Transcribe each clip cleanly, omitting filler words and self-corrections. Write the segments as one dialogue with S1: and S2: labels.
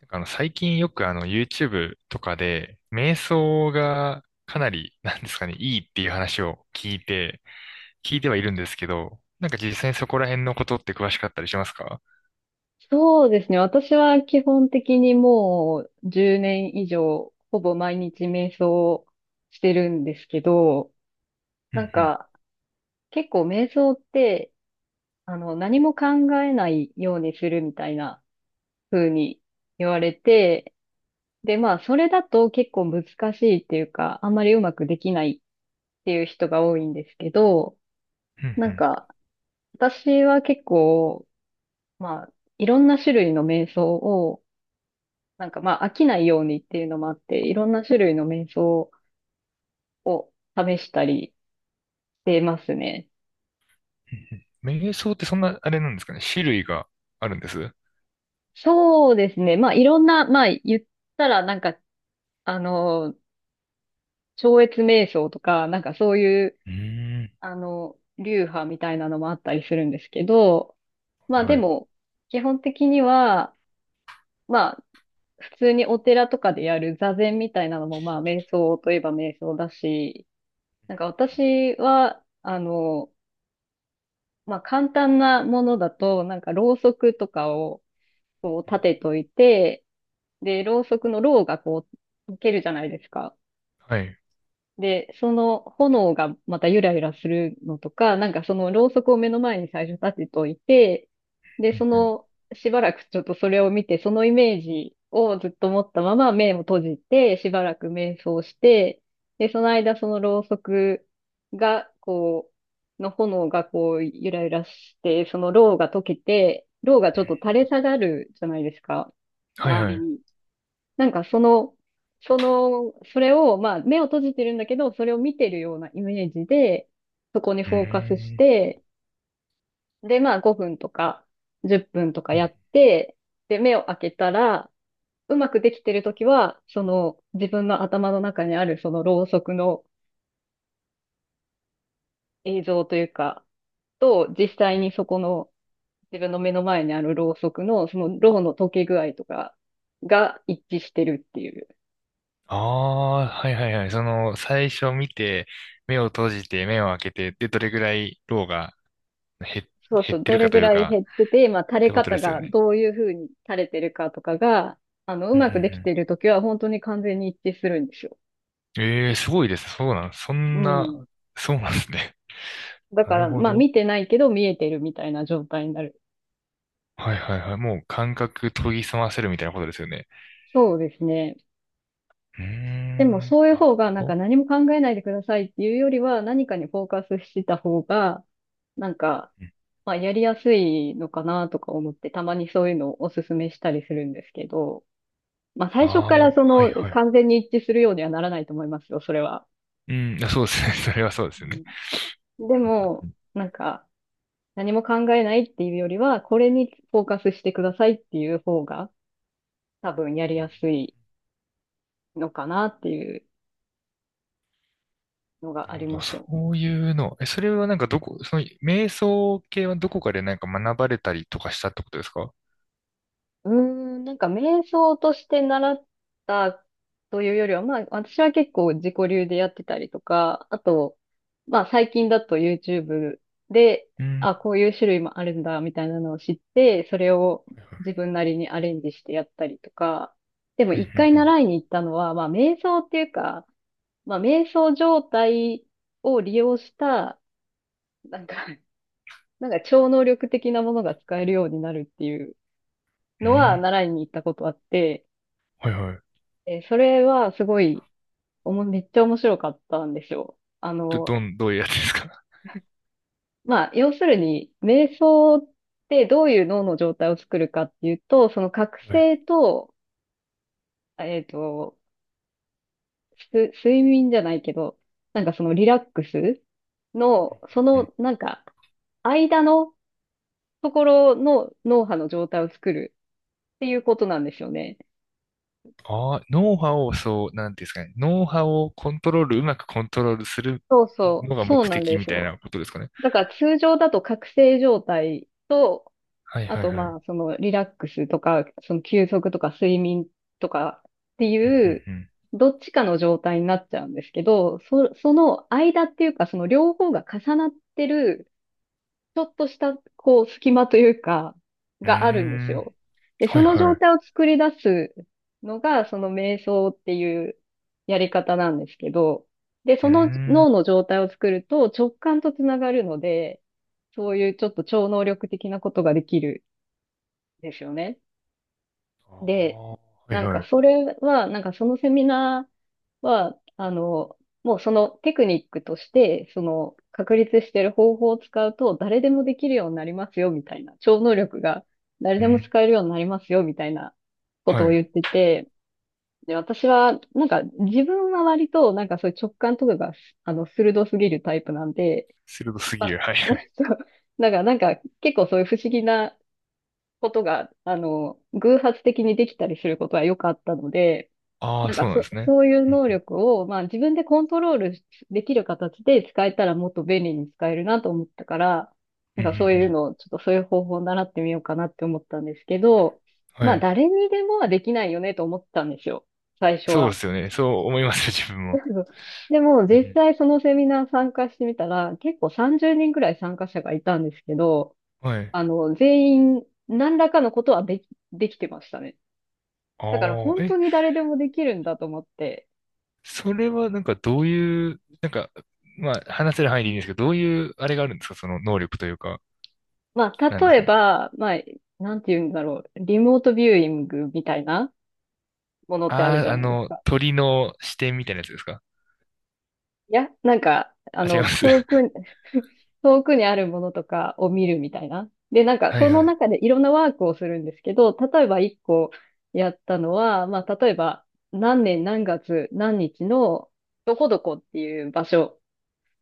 S1: なんか最近よくYouTube とかで、瞑想がかなり、なんですかね、いいっていう話を聞いてはいるんですけど、なんか実際にそこら辺のことって詳しかったりしますか？
S2: そうですね。私は基本的にもう10年以上、ほぼ毎日瞑想をしてるんですけど、
S1: うん
S2: なん
S1: うん、
S2: か結構瞑想って、何も考えないようにするみたいな風に言われて、で、まあ、それだと結構難しいっていうか、あんまりうまくできないっていう人が多いんですけど、
S1: うん
S2: な
S1: う
S2: ん
S1: ん、
S2: か、私は結構、まあ、いろんな種類の瞑想をまあ飽きないようにっていうのもあって、いろんな種類の瞑想を試したりしてますね。
S1: うんうん。瞑想ってそんな、あれなんですかね、種類があるんです？う
S2: そうですね。まあいろんな、まあ言ったらなんか、あの、超越瞑想とか、なんかそういう、
S1: ーん、
S2: あの、流派みたいなのもあったりするんですけど、まあ
S1: はい
S2: で
S1: はい。
S2: も、基本的には、まあ普通にお寺とかでやる座禅みたいなのもまあ瞑想といえば瞑想だし、私は、まあ簡単なものだと、ろうそくとかをこう立てといて、で、ろうそくのろうがこう溶けるじゃないですか。
S1: はい、
S2: で、その炎がまたゆらゆらするのとか、そのろうそくを目の前に最初立てといて、で、
S1: う
S2: そ
S1: んうん。
S2: の、しばらくちょっとそれを見て、そのイメージをずっと持ったまま目を閉じて、しばらく瞑想して、で、その間そのろうそくが、の炎がこう、ゆらゆらして、そのろうが溶けて、ろうがちょっと垂れ下がるじゃないですか。
S1: はい
S2: 周
S1: はい。
S2: り
S1: う
S2: に。なんかその、それを、まあ、目を閉じてるんだけど、それを見てるようなイメージで、そこに
S1: ー
S2: フォーカスし
S1: ん。
S2: て、で、まあ、5分とか、10分とかやって、で、目を開けたら、うまくできてるときは、その、自分の頭の中にある、その、ろうそくの映像というか、と、実際にそこの、自分の目の前にあるろうそくの、その、ろうの溶け具合とかが一致してるっていう。
S1: ああー、はいはいはい。その、最初見て、目を閉じて、目を開けて、で、どれぐらい、ローが減
S2: そう
S1: 減
S2: そ
S1: っ
S2: う、
S1: て
S2: ど
S1: るか
S2: れ
S1: と
S2: ぐ
S1: いう
S2: らい
S1: か、
S2: 減って
S1: っ
S2: て、まあ、垂れ
S1: てことで
S2: 方
S1: すよ
S2: が
S1: ね。
S2: どういうふうに垂れてるかとかが、あの、う
S1: うんう
S2: まくでき
S1: ん
S2: てるときは本当に完全に一致するんですよ。
S1: うん。ええーすごいです。そうなん、そ
S2: う
S1: んな、
S2: ん。
S1: そうなんですね。
S2: だ
S1: な
S2: か
S1: る
S2: ら、
S1: ほ
S2: まあ、
S1: ど。
S2: 見てないけど見えてるみたいな状態になる。
S1: はいはいはい。もう感覚研ぎ澄ませるみたいなことですよね。
S2: そうですね。
S1: うー
S2: でも、
S1: ん、
S2: そういう
S1: なる
S2: 方
S1: ほ
S2: が、
S1: ど。
S2: 何も考えないでくださいっていうよりは、何かにフォーカスしてた方が、なんか、まあ、やりやすいのかなとか思って、たまにそういうのをおすすめしたりするんですけど、まあ、最初
S1: ああー、
S2: か
S1: もう、
S2: らそ
S1: はい
S2: の、
S1: はい。
S2: 完全に一致するようにはならないと思いますよ、それは。
S1: うん、あ、そうですね。それはそうで
S2: う
S1: すよね。
S2: ん。で
S1: うんうんう
S2: も、
S1: ん
S2: なんか、何も考えないっていうよりは、これにフォーカスしてくださいっていう方が、多分やり
S1: うん、
S2: やすいのかなっていうの
S1: な
S2: があ
S1: るほ
S2: り
S1: ど。
S2: ますよね。
S1: そういうの。え、それはなんかどこ、その、瞑想系はどこかでなんか学ばれたりとかしたってことですか？
S2: うーん、瞑想として習ったというよりは、まあ私は結構自己流でやってたりとか、あと、まあ最近だと YouTube で、
S1: うん。
S2: あ、こういう種類もあるんだみたいなのを知って、それを
S1: はいはい。
S2: 自分なりにアレンジしてやったりとか、でも
S1: うんう
S2: 一回
S1: ん
S2: 習いに行ったのは、まあ瞑想っていうか、まあ瞑想状態を利用した、なんか、超能力的なものが使えるようになるっていう
S1: うん。
S2: の
S1: う
S2: は
S1: ん。
S2: 習いに行ったことあって、
S1: はいはい。
S2: えーそれはすごい、めっちゃ面白かったんですよ。
S1: ど、どういうやつですか？
S2: まあ、要するに、瞑想ってどういう脳の状態を作るかっていうと、その覚
S1: はい。
S2: 醒と、えっと、睡眠じゃないけど、そのリラックスの、
S1: うん。
S2: 間のところの脳波の状態を作るっていうことなんですよね。
S1: ああ、脳波を、そう、なんていうんですかね。脳波をコントロール、うまくコントロールする
S2: そうそ
S1: の
S2: う、
S1: が目
S2: そうなん
S1: 的
S2: で
S1: み
S2: す
S1: たい
S2: よ。
S1: なことですかね？
S2: だから通常だと覚醒状態と
S1: はい
S2: あ
S1: はい
S2: と、
S1: は
S2: ま
S1: い。
S2: あ、そのリラックスとか、その休息とか睡眠とかってい
S1: う
S2: う、
S1: ん
S2: どっちかの状態になっちゃうんですけど、その間っていうか、その両方が重なってる、ちょっとした、こう、隙間というか、
S1: うんう
S2: があるんです
S1: ん。うーん。
S2: よ。で、
S1: は
S2: そ
S1: い
S2: の
S1: は
S2: 状
S1: い。
S2: 態を作り出すのが、その瞑想っていうやり方なんですけど、で、
S1: う
S2: その
S1: ー
S2: 脳
S1: ん。
S2: の状態を作ると直感とつながるので、そういうちょっと超能力的なことができる。ですよね。
S1: あ
S2: で、
S1: あ、はいはい。
S2: それは、そのセミナーは、もうそのテクニックとして、その確立してる方法を使うと誰でもできるようになりますよ、みたいな。超能力が誰
S1: う
S2: でも
S1: ん。
S2: 使えるようになりますよ、みたいなこ
S1: は
S2: とを
S1: い。
S2: 言ってて、で、私は、自分は割と、そういう直感とかが、鋭すぎるタイプなんで、
S1: 鋭す
S2: ま
S1: ぎる。
S2: あ、
S1: はいはい。
S2: そうだから結構そういう不思議なことが、偶発的にできたりすることはよくあったので、
S1: ああ、そうなんですね。
S2: そういう
S1: う
S2: 能
S1: ん
S2: 力を、まあ自分でコントロールできる形で使えたらもっと便利に使えるなと思ったから、
S1: うんうん
S2: そう
S1: うん
S2: い
S1: う
S2: う
S1: ん、
S2: のを、ちょっとそういう方法を習ってみようかなって思ったんですけど、
S1: は
S2: まあ
S1: い。
S2: 誰にでもはできないよねと思ったんですよ、最初
S1: そうで
S2: は。
S1: すよね。そう思いますよ、自分も。
S2: でも
S1: う
S2: 実
S1: ん
S2: 際そのセミナー参加してみたら、結構30人ぐらい参加者がいたんですけど、
S1: うん、はい。
S2: 全員何らかのことはできてましたね。
S1: あ
S2: だから
S1: あ、
S2: 本当
S1: え、
S2: に誰でもできるんだと思って。
S1: それはなんかどういう、なんか、まあ話せる範囲でいいんですけど、どういうあれがあるんですか、その能力というか、
S2: まあ、
S1: なんです
S2: 例え
S1: かね。
S2: ば、まあ、なんて言うんだろう。リモートビューイングみたいなものってある
S1: あ
S2: じ
S1: あ、
S2: ゃないですか。
S1: 鳥の視点みたいなやつですか？
S2: いや、
S1: あ、違います。
S2: 遠く に 遠くにあるものとかを見るみたいな。で、
S1: は
S2: そ
S1: いは
S2: の
S1: い。
S2: 中でいろんなワークをするんですけど、例えば一個やったのは、まあ、例えば、何年何月何日の、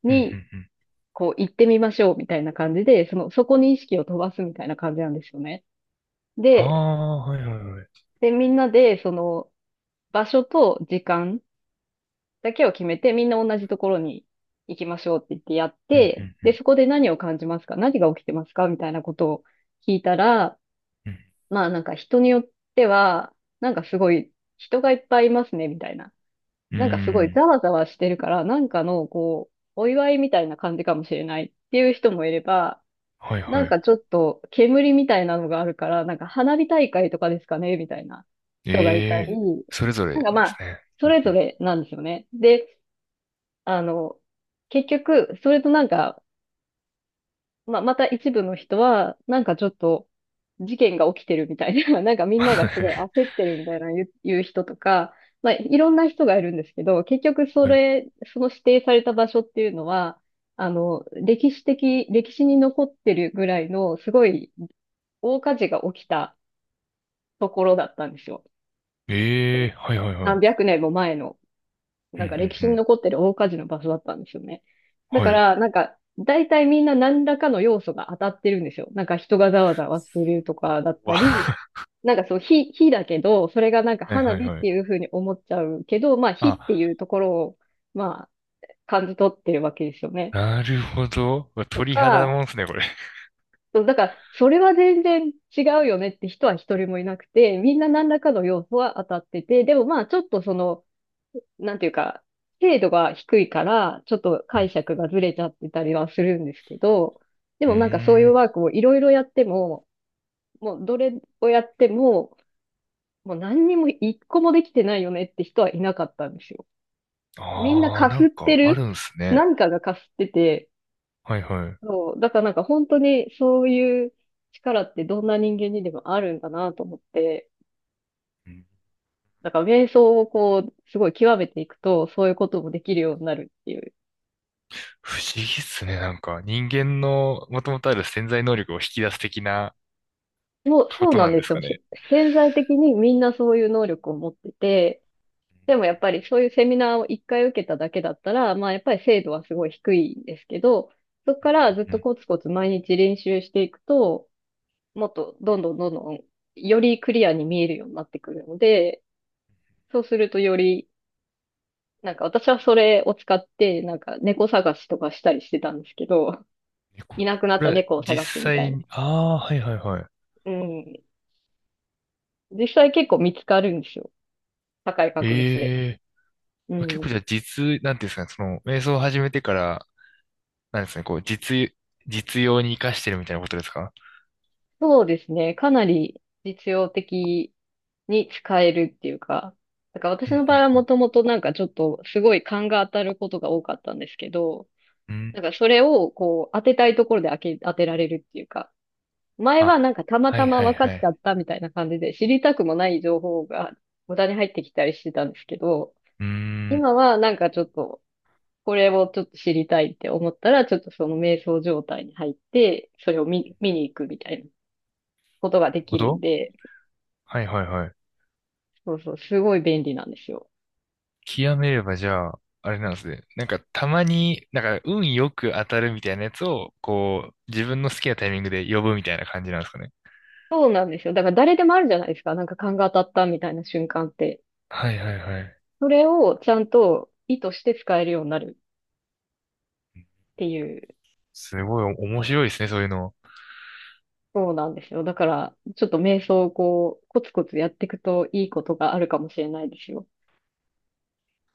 S1: うんうんうん。
S2: こう、行ってみましょうみたいな感じで、その、そこに意識を飛ばすみたいな感じなんですよね。
S1: あ
S2: で、
S1: あ、はいはいはい。
S2: で、みんなで、その、場所と時間だけを決めて、みんな同じところに行きましょうって言ってやっ
S1: う
S2: て、
S1: んう
S2: で、
S1: ん
S2: そこで何を感じますか何が起きてますかみたいなことを聞いたら、
S1: うん
S2: まあ人によっては、なんかすごい人がいっぱいいますね、みたいな。
S1: うん。
S2: なんかすご
S1: う
S2: いざ
S1: ん。
S2: わざわしてるから、なんかの、こう、お祝いみたいな感じかもしれないっていう人もいれば、
S1: はい
S2: な
S1: は
S2: ん
S1: い。
S2: かちょっと煙みたいなのがあるから、なんか花火大会とかですかねみたいな。った
S1: ええ、
S2: り、
S1: それぞれなんで
S2: ま
S1: す
S2: あ、
S1: ね。
S2: そ
S1: うん
S2: れぞ
S1: うん。
S2: れなんですよね。で、あの、結局、それとなんか、まあ、また一部の人は、なんかちょっと、事件が起きてるみたいな、なんか みんな
S1: は
S2: がすごい
S1: い
S2: 焦ってるみたいな言う人とか、まあ、いろんな人がいるんですけど、結局そ
S1: はい。
S2: れ、その指定された場所っていうのは、歴史に残ってるぐらいの、すごい大火事が起きたところだったんですよ。そ
S1: ええ、
S2: の
S1: はいはいは
S2: 何
S1: い。
S2: 百年も前の。
S1: うん
S2: なん
S1: う
S2: か歴史
S1: んう
S2: に
S1: ん。
S2: 残ってる大火事の場所だったんですよね。だ
S1: は
S2: か
S1: い。う
S2: ら、なんか、大体みんな何らかの要素が当たってるんですよ。なんか人がざわざわしてるとかだっ
S1: わ。
S2: たり、
S1: は
S2: なんかそう、火だけど、それがなんか
S1: い
S2: 花
S1: はい
S2: 火っ
S1: は
S2: て
S1: い。
S2: いうふうに思っちゃうけど、まあ火っ
S1: あ、
S2: ていうところを、まあ、感じ取ってるわけですよね。
S1: なるほど。
S2: と
S1: 鳥肌
S2: か、
S1: もんですね、これ。
S2: そうだから、それは全然違うよねって人は一人もいなくて、みんな何らかの要素は当たってて、でもまあちょっとその、なんていうか、精度が低いから、ちょっと
S1: う
S2: 解
S1: ん。
S2: 釈がずれちゃってたりはするんですけど、で
S1: う
S2: もなんかそういう
S1: ん。
S2: ワークをいろいろやっても、もうどれをやっても、もう何にも一個もできてないよねって人はいなかったんですよ。みんな
S1: ああー、
S2: か
S1: な
S2: す
S1: ん
S2: って
S1: かあ
S2: る、
S1: るんすね。
S2: 何かがかすってて、
S1: はいはい。
S2: そう、だからなんか本当にそういう力ってどんな人間にでもあるんだなと思って、
S1: うん、
S2: だから瞑想をこう、すごい極めていくと、そういうこともできるようになるっていう。
S1: 不思議っすね。なんか人間のもともとある潜在能力を引き出す的な
S2: そう、
S1: こ
S2: そう
S1: と
S2: な
S1: な
S2: ん
S1: ん
S2: で
S1: です
S2: すよ。
S1: かね。
S2: 潜在的にみんなそういう能力を持ってて、でもやっぱりそういうセミナーを一回受けただけだったら、まあやっぱり精度はすごい低いんですけど、そこからずっ
S1: うんう
S2: と
S1: ん、
S2: コツコツ毎日練習していくと、もっとどんどんどんどんよりクリアに見えるようになってくるので、そうするとより、なんか私はそれを使って、なんか猫探しとかしたりしてたんですけど、
S1: えこ
S2: いなくな
S1: そ
S2: っ
S1: れ
S2: た
S1: は
S2: 猫を
S1: 実
S2: 探すみたい
S1: 際
S2: な。
S1: に、ああ、はいはいはい。
S2: うん。実際結構見つかるんですよ。高い確率で。
S1: ええ、
S2: う
S1: 結構
S2: ん。
S1: じゃあなんていうんですかね、その、瞑想を始めてから、なんですかね、こう、実用に活かしてるみたいなことですか？
S2: そうですね。かなり実用的に使えるっていうか、だから
S1: う
S2: 私
S1: ん
S2: の
S1: う
S2: 場合
S1: ん
S2: は
S1: う
S2: も
S1: ん。
S2: ともとなんかちょっとすごい勘が当たることが多かったんですけど、
S1: う
S2: なん
S1: ん。
S2: かそれをこう当てたいところで当てられるっていうか、前
S1: あ、
S2: はなんかたま
S1: は
S2: た
S1: い
S2: ま
S1: はい
S2: 分か
S1: は
S2: っちゃ
S1: い。
S2: ったみたいな感じで知りたくもない情報が無駄に入ってきたりしてたんですけど、
S1: うーん。なる
S2: 今はなんかちょっとこれをちょっと知りたいって思ったら、ちょっとその瞑想状態に入って、それを見に行くみたいなことがで
S1: ほ
S2: きるん
S1: ど。
S2: で、
S1: はいはいはい。
S2: そうそう、すごい便利なんですよ。
S1: 極めればじゃあ、あれなんですね。なんかたまに、なんか運よく当たるみたいなやつを、こう、自分の好きなタイミングで呼ぶみたいな感じなんですかね。
S2: そうなんですよ。だから誰でもあるじゃないですか。なんか勘が当たったみたいな瞬間って。
S1: はいはいはい。
S2: それをちゃんと意図して使えるようになるっていう。
S1: すごい面白いですね、そういうの。
S2: そうなんですよ。だから、ちょっと瞑想をこう、コツコツやっていくといいことがあるかもしれないですよ。